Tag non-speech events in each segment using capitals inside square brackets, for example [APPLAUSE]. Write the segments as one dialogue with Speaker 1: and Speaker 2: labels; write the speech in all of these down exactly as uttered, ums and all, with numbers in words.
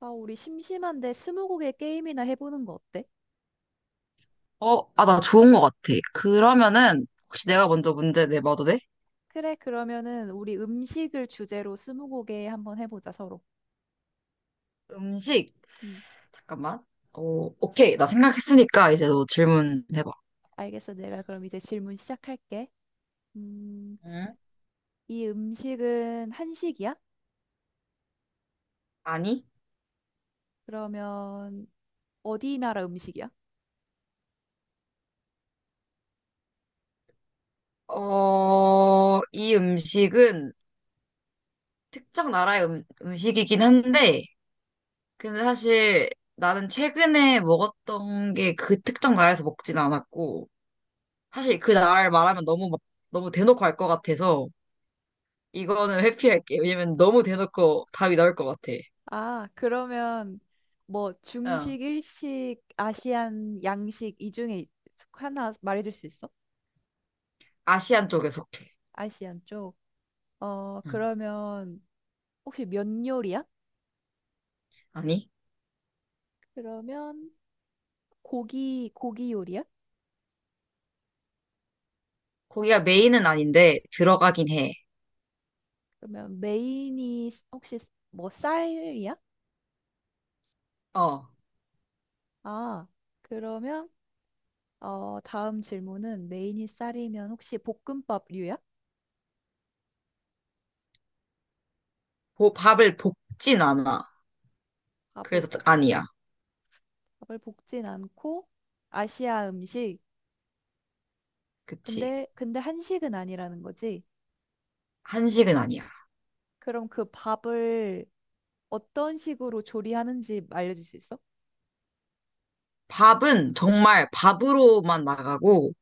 Speaker 1: 아, 우리 심심한데 스무고개 게임이나 해보는 거 어때?
Speaker 2: 어, 아, 나 좋은 것 같아. 그러면은, 혹시 내가 먼저 문제 내봐도 돼?
Speaker 1: 그래, 그러면은 우리 음식을 주제로 스무고개 한번 해보자, 서로.
Speaker 2: 음식,
Speaker 1: 음,
Speaker 2: 잠깐만. 어, 오케이. 나 생각했으니까 이제 너 질문해봐.
Speaker 1: 알겠어. 내가 그럼 이제 질문 시작할게. 음,
Speaker 2: 응?
Speaker 1: 이 음식은 한식이야?
Speaker 2: 아니?
Speaker 1: 그러면 어디 나라 음식이야?
Speaker 2: 어, 이 음식은 특정 나라의 음, 음식이긴 한데, 근데 사실 나는 최근에 먹었던 게 그 특정 나라에서 먹진 않았고, 사실 그 나라를 말하면 너무 막, 너무 대놓고 할 것 같아서, 이거는 회피할게. 왜냐면 너무 대놓고 답이 나올 것 같아.
Speaker 1: 아, 그러면 뭐 중식, 일식, 아시안, 양식 이 중에 하나 말해줄 수 있어?
Speaker 2: 아시안 쪽에 속해.
Speaker 1: 아시안 쪽. 어,
Speaker 2: 응.
Speaker 1: 그러면 혹시 면 요리야?
Speaker 2: 아니,
Speaker 1: 그러면 고기 고기 요리야?
Speaker 2: 거기가 메인은 아닌데 들어가긴 해.
Speaker 1: 그러면 메인이 스- 혹시 스- 뭐 쌀이야?
Speaker 2: 어,
Speaker 1: 아, 그러면 어 다음 질문은 메인이 쌀이면 혹시 볶음밥류야?
Speaker 2: 보- 밥을 볶진 않아.
Speaker 1: 밥을
Speaker 2: 그래서 짜-
Speaker 1: 볶
Speaker 2: 아니야.
Speaker 1: 밥을 볶진 않고 아시아 음식.
Speaker 2: 그치.
Speaker 1: 근데 근데 한식은 아니라는 거지.
Speaker 2: 한식은 아니야.
Speaker 1: 그럼 그 밥을 어떤 식으로 조리하는지 알려줄 수 있어?
Speaker 2: 밥은 정말 밥으로만 나가고,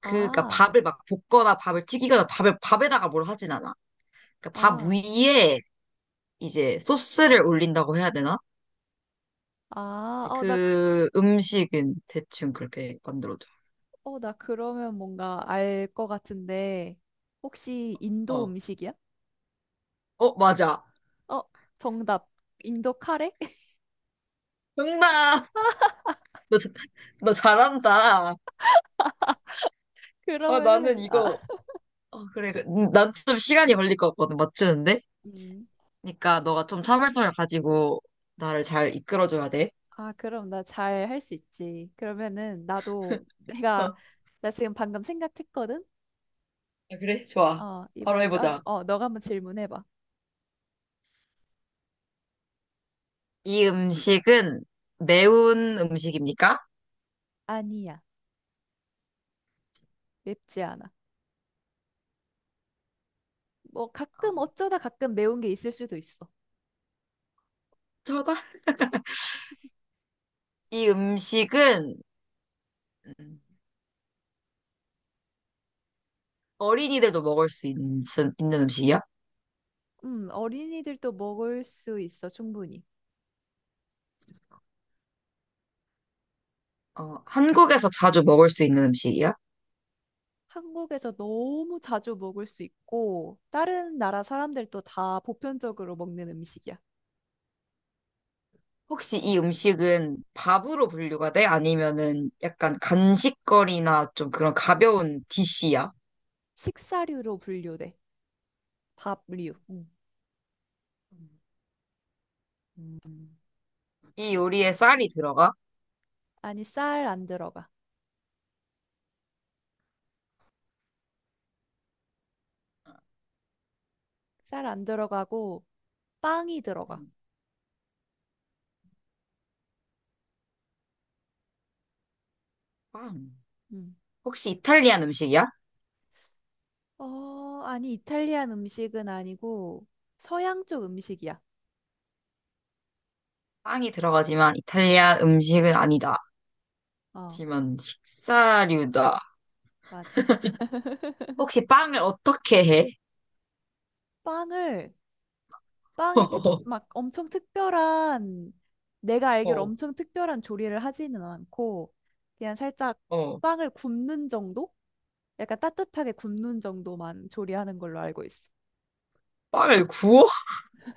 Speaker 2: 그니까
Speaker 1: 아,
Speaker 2: 밥을 막 볶거나 밥을 튀기거나 밥을 밥에다가 뭘 하진 않아. 그러니까 밥
Speaker 1: 아,
Speaker 2: 위에 이제 소스를 올린다고 해야 되나?
Speaker 1: 아, 어, 나, 그-
Speaker 2: 그 음식은 대충 그렇게 만들어져.
Speaker 1: 어, 나 그러면 뭔가 알 것 같은데, 혹시 인도
Speaker 2: 어,
Speaker 1: 음식이야?
Speaker 2: 어, 맞아.
Speaker 1: 어, 정답. 인도 카레? [LAUGHS]
Speaker 2: 정답. [LAUGHS] 너, 자- 너 잘한다. 아, 나는
Speaker 1: 그러면은, 아,
Speaker 2: 이거, 어, 그래. 그래. 음, 난좀 시간이 걸릴 것 같거든, 맞추는데?
Speaker 1: 음.
Speaker 2: 그러니까 너가 좀 참을성을 가지고 나를 잘 이끌어줘야 돼.
Speaker 1: 아, 그럼 나 잘 할 수 있지. 그러면은, 나도
Speaker 2: 어.
Speaker 1: 내가,
Speaker 2: 아,
Speaker 1: 나 지금 방금 생각했거든?
Speaker 2: 그래? 좋아.
Speaker 1: 어,
Speaker 2: 바로
Speaker 1: 이번엔, 아,
Speaker 2: 해보자.
Speaker 1: 어, 너가 한번 질문해봐.
Speaker 2: 이 음식은 매운 음식입니까?
Speaker 1: 아니야. 맵지 않아. 뭐, 가끔
Speaker 2: 음,
Speaker 1: 어쩌다 가끔 매운 게 있을 수도 있어.
Speaker 2: 저다. 이 음식은 음, 어린이들도 먹을 수 있는, 있는 음식이야?
Speaker 1: 음, 어린이들도 먹을 수 있어, 충분히.
Speaker 2: 어, 한국에서 자주 먹을 수 있는 음식이야?
Speaker 1: 한국에서 너무 자주 먹을 수 있고, 다른 나라 사람들도 다 보편적으로 먹는 음식이야.
Speaker 2: 혹시 이 음식은 밥으로 분류가 돼? 아니면은 약간 간식거리나 좀 그런 가벼운 디시야?
Speaker 1: 식사류로 분류돼. 밥류. 음.
Speaker 2: 음, 이 요리에 쌀이 들어가?
Speaker 1: 아니, 쌀 안 들어가. 쌀 안 들어가고 빵이 들어가.
Speaker 2: 음, 빵.
Speaker 1: 음.
Speaker 2: 혹시 이탈리안 음식이야?
Speaker 1: 어, 아니, 이탈리안 음식은 아니고 서양 쪽 음식이야.
Speaker 2: 빵이 들어가지만 이탈리아 음식은 아니다.
Speaker 1: 어,
Speaker 2: 하지만 식사류다.
Speaker 1: 맞아.
Speaker 2: 혹시 빵을 어떻게 해?
Speaker 1: 빵을, 빵에 특,
Speaker 2: [LAUGHS]
Speaker 1: 막 엄청 특별한, 내가 알기로
Speaker 2: 어,
Speaker 1: 엄청 특별한 조리를 하지는 않고, 그냥 살짝
Speaker 2: 어,
Speaker 1: 빵을 굽는 정도? 약간 따뜻하게 굽는 정도만 조리하는 걸로 알고 있어.
Speaker 2: 빵을 구워?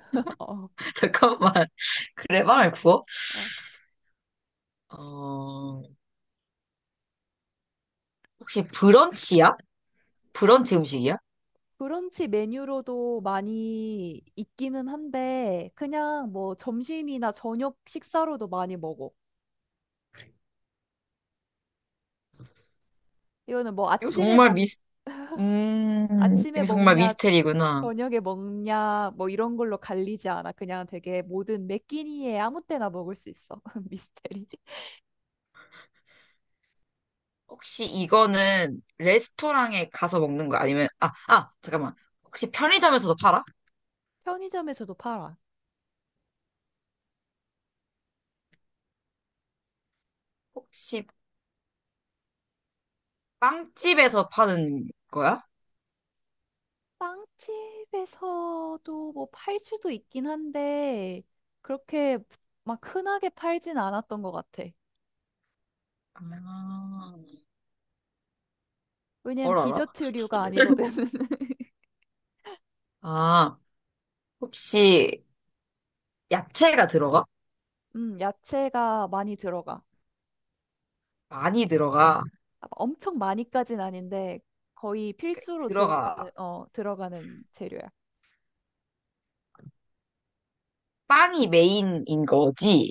Speaker 1: [LAUGHS] 어,
Speaker 2: [LAUGHS] 잠깐만. 그래, 빵을 구워?
Speaker 1: 어.
Speaker 2: 어, 혹시 브런치야? 브런치 음식이야?
Speaker 1: 브런치 메뉴로도 많이 있기는 한데 그냥 뭐 점심이나 저녁 식사로도 많이 먹어. 이거는 뭐
Speaker 2: 이거
Speaker 1: 아침에
Speaker 2: 정말
Speaker 1: 먹
Speaker 2: 미스 음,
Speaker 1: 아침에
Speaker 2: 이게 정말
Speaker 1: 먹냐
Speaker 2: 미스테리구나.
Speaker 1: 저녁에 먹냐 뭐 이런 걸로 갈리지 않아. 그냥 되게 모든 매끼니에 아무 때나 먹을 수 있어. [LAUGHS] 미스테리.
Speaker 2: 혹시 이거는 레스토랑에 가서 먹는 거 아니면, 아, 아, 잠깐만. 혹시 편의점에서도 팔아?
Speaker 1: 편의점에서도 팔아.
Speaker 2: 혹시 빵집에서 파는 거야?
Speaker 1: 빵집에서도 뭐 팔 수도 있긴 한데 그렇게 막 흔하게 팔진 않았던 것 같아.
Speaker 2: 아,
Speaker 1: 왜냐면
Speaker 2: 뭘 알아?
Speaker 1: 디저트류가 아니거든.
Speaker 2: 아, 혹시 야채가 들어가?
Speaker 1: 음, 야채가 많이 들어가.
Speaker 2: 많이 들어가.
Speaker 1: 아, 엄청 많이까진 아닌데 거의
Speaker 2: 그,
Speaker 1: 필수로 들어가는
Speaker 2: 들어가.
Speaker 1: 어, 들어가는 재료야.
Speaker 2: 빵이 메인인 거지?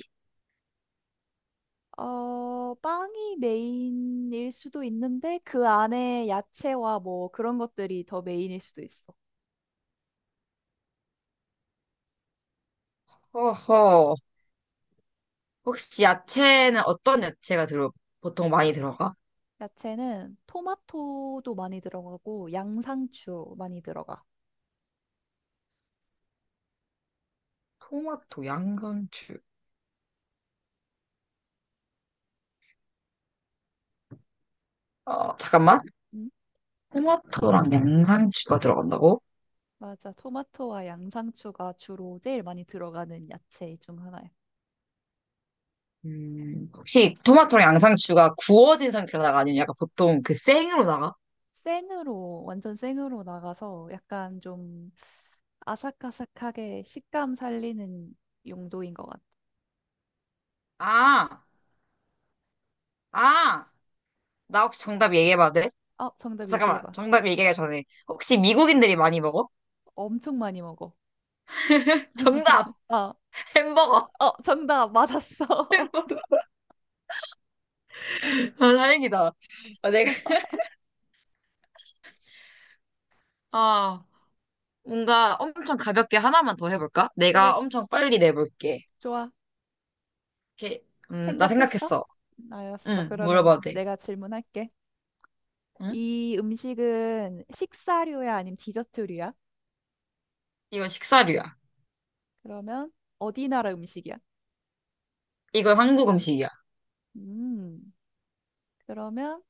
Speaker 1: 어, 빵이 메인일 수도 있는데 그 안에 야채와 뭐 그런 것들이 더 메인일 수도 있어.
Speaker 2: 허허. 혹시 야채는 어떤 야채가 들어, 보통 많이 들어가?
Speaker 1: 야채는 토마토도 많이 들어가고 양상추 많이 들어가.
Speaker 2: 토마토, 양상추. 어, 잠깐만.
Speaker 1: 음,
Speaker 2: 토마토랑 양상추가 들어간다고?
Speaker 1: 맞아. 토마토와 양상추가 주로 제일 많이 들어가는 야채 중 하나야.
Speaker 2: 음, 혹시 토마토랑 양상추가 구워진 상태로 나가 아니면 약간 보통 그 생으로 나가?
Speaker 1: 생으로, 완전 생으로 나가서 약간 좀 아삭아삭하게 식감 살리는 용도인 것 같아.
Speaker 2: 아, 아, 나 혹시 정답 얘기해봐도 돼?
Speaker 1: 어, 정답
Speaker 2: 잠깐만,
Speaker 1: 얘기해봐.
Speaker 2: 정답 얘기하기 전에 혹시 미국인들이 많이 먹어?
Speaker 1: 엄청 많이 먹어.
Speaker 2: [LAUGHS] 정답!
Speaker 1: 아,
Speaker 2: 햄버거!
Speaker 1: 어, 정답 맞았어. [LAUGHS]
Speaker 2: 햄버거! 아, 다행이다. 아, 내가, 아, 뭔가 엄청 가볍게 하나만 더 해볼까?
Speaker 1: 그래,
Speaker 2: 내가 엄청 빨리 내볼게.
Speaker 1: 좋아.
Speaker 2: 이렇게, 음, 나
Speaker 1: 생각했어?
Speaker 2: 생각했어.
Speaker 1: 알았어.
Speaker 2: 응,
Speaker 1: 그러면
Speaker 2: 물어봐도 돼.
Speaker 1: 내가 질문할게.
Speaker 2: 응?
Speaker 1: 이 음식은 식사류야, 아니면 디저트류야?
Speaker 2: 이거 식사류야.
Speaker 1: 그러면 어디 나라 음식이야?
Speaker 2: 이건 한국 음식이야.
Speaker 1: 음, 그러면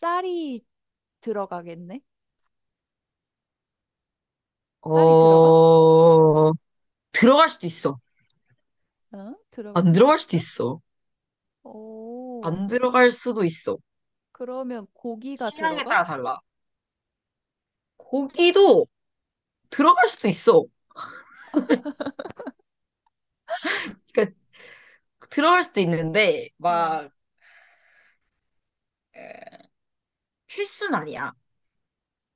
Speaker 1: 쌀이 들어가겠네? 쌀이 들어가?
Speaker 2: 어, 들어갈 수도 있어.
Speaker 1: 어? 들어갈
Speaker 2: 안
Speaker 1: 수도 있
Speaker 2: 들어갈 수도
Speaker 1: 어
Speaker 2: 있어.
Speaker 1: 오,
Speaker 2: 안 들어갈 수도 있어.
Speaker 1: 그러면 고기가
Speaker 2: 취향에
Speaker 1: 들어가?
Speaker 2: 따라 달라. 고기도 들어갈 수도 있어. 그러니까 들어갈 수도 있는데
Speaker 1: 어.
Speaker 2: 막 에, 필수는 아니야.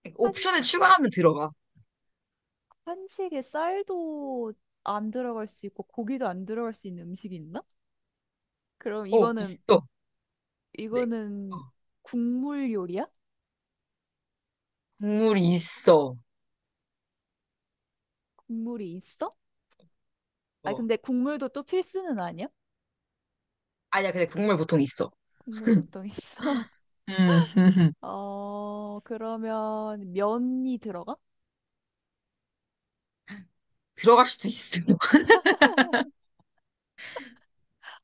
Speaker 2: 그러니까
Speaker 1: 한,
Speaker 2: 옵션을 추가하면 들어가.
Speaker 1: 한식에 쌀도 안 들어갈 수 있고 고기도 안 들어갈 수 있는 음식이 있나? 그럼
Speaker 2: 어,
Speaker 1: 이거는,
Speaker 2: 있어. 네. 어,
Speaker 1: 이거는 국물 요리야?
Speaker 2: 국물이 있어.
Speaker 1: 국물이 있어? 아니,
Speaker 2: 어.
Speaker 1: 근데 국물도 또 필수는 아니야?
Speaker 2: 아니야, 근데 국물 보통 있어.
Speaker 1: 국물 보통 있어? [LAUGHS]
Speaker 2: 음, [LAUGHS]
Speaker 1: 어, 그러면 면이 들어가?
Speaker 2: 들어갈 수도 있어. [LAUGHS]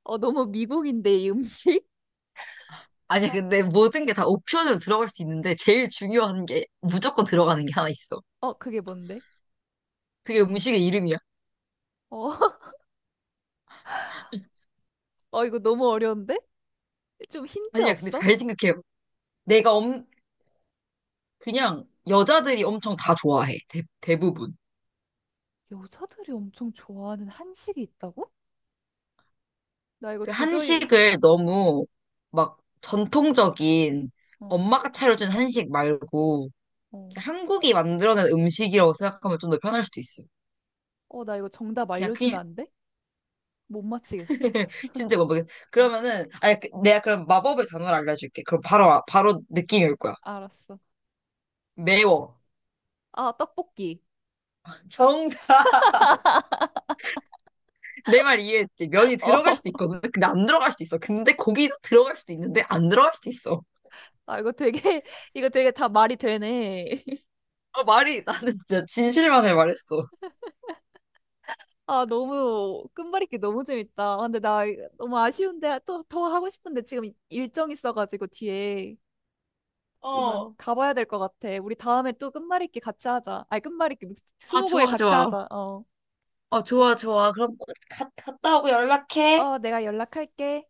Speaker 1: 어, 너무 미국인데, 이 음식?
Speaker 2: 아니야,
Speaker 1: 아,
Speaker 2: 근데 모든 게 다 옵션으로 들어갈 수 있는데 제일 중요한 게 무조건 들어가는 게 하나 있어.
Speaker 1: 어, 그게 뭔데?
Speaker 2: 그게 음식의 이름이야.
Speaker 1: 어, [LAUGHS] 어, 이거 너무 어려운데? 좀 힌트
Speaker 2: 아니야, 근데
Speaker 1: 없어?
Speaker 2: 잘 생각해요. 내가 엄, 그냥 여자들이 엄청 다 좋아해. 대, 대부분.
Speaker 1: 여자들이 엄청 좋아하는 한식이 있다고? 나 이거
Speaker 2: 그
Speaker 1: 도저히,
Speaker 2: 한식을
Speaker 1: 어,
Speaker 2: 너무 막 전통적인
Speaker 1: 어,
Speaker 2: 엄마가 차려준 한식 말고
Speaker 1: 어.
Speaker 2: 그냥 한국이 만들어낸 음식이라고 생각하면 좀 더 편할 수도 있어.
Speaker 1: 어, 나 이거 정답
Speaker 2: 그냥,
Speaker 1: 알려주면
Speaker 2: 그냥,
Speaker 1: 안 돼? 못 맞히겠어.
Speaker 2: [LAUGHS] 진짜 뭐, 모르겠-
Speaker 1: 어,
Speaker 2: 그러면은, 아니, 그- 내가 그럼 마법의 단어를 알려줄게. 그럼 바로, 아- 바로 느낌이 올 거야.
Speaker 1: 알았어.
Speaker 2: 매워.
Speaker 1: 아, 떡볶이.
Speaker 2: 정, [LAUGHS] 내 말 이해했지? 면이
Speaker 1: [LAUGHS]
Speaker 2: 들어갈
Speaker 1: 어,
Speaker 2: 수도 있거든. 근데 안 들어갈 수도 있어. 근데 고기도 들어갈 수도 있는데 안 들어갈 수도 있어.
Speaker 1: 아, 이거 되게, 이거 되게 다 말이 되네. [LAUGHS]
Speaker 2: 아, 말이 나는 [LAUGHS] 진짜 진실만을 말했어.
Speaker 1: 아, 너무, 끝말잇기 너무 재밌다. 아, 근데 나 이거 너무 아쉬운데, 또 더 하고 싶은데 지금 일정 있어가지고 뒤에 이만
Speaker 2: 어.
Speaker 1: 가봐야 될 것 같아. 우리 다음에 또 끝말잇기 같이 하자. 아니, 끝말잇기,
Speaker 2: 아,
Speaker 1: 스무고개
Speaker 2: 좋아,
Speaker 1: 같이
Speaker 2: 좋아.
Speaker 1: 하자. 어.
Speaker 2: 어,
Speaker 1: 그래.
Speaker 2: 좋아, 좋아. 그럼 가, 갔다 오고 연락해.
Speaker 1: 어, 내가 연락할게.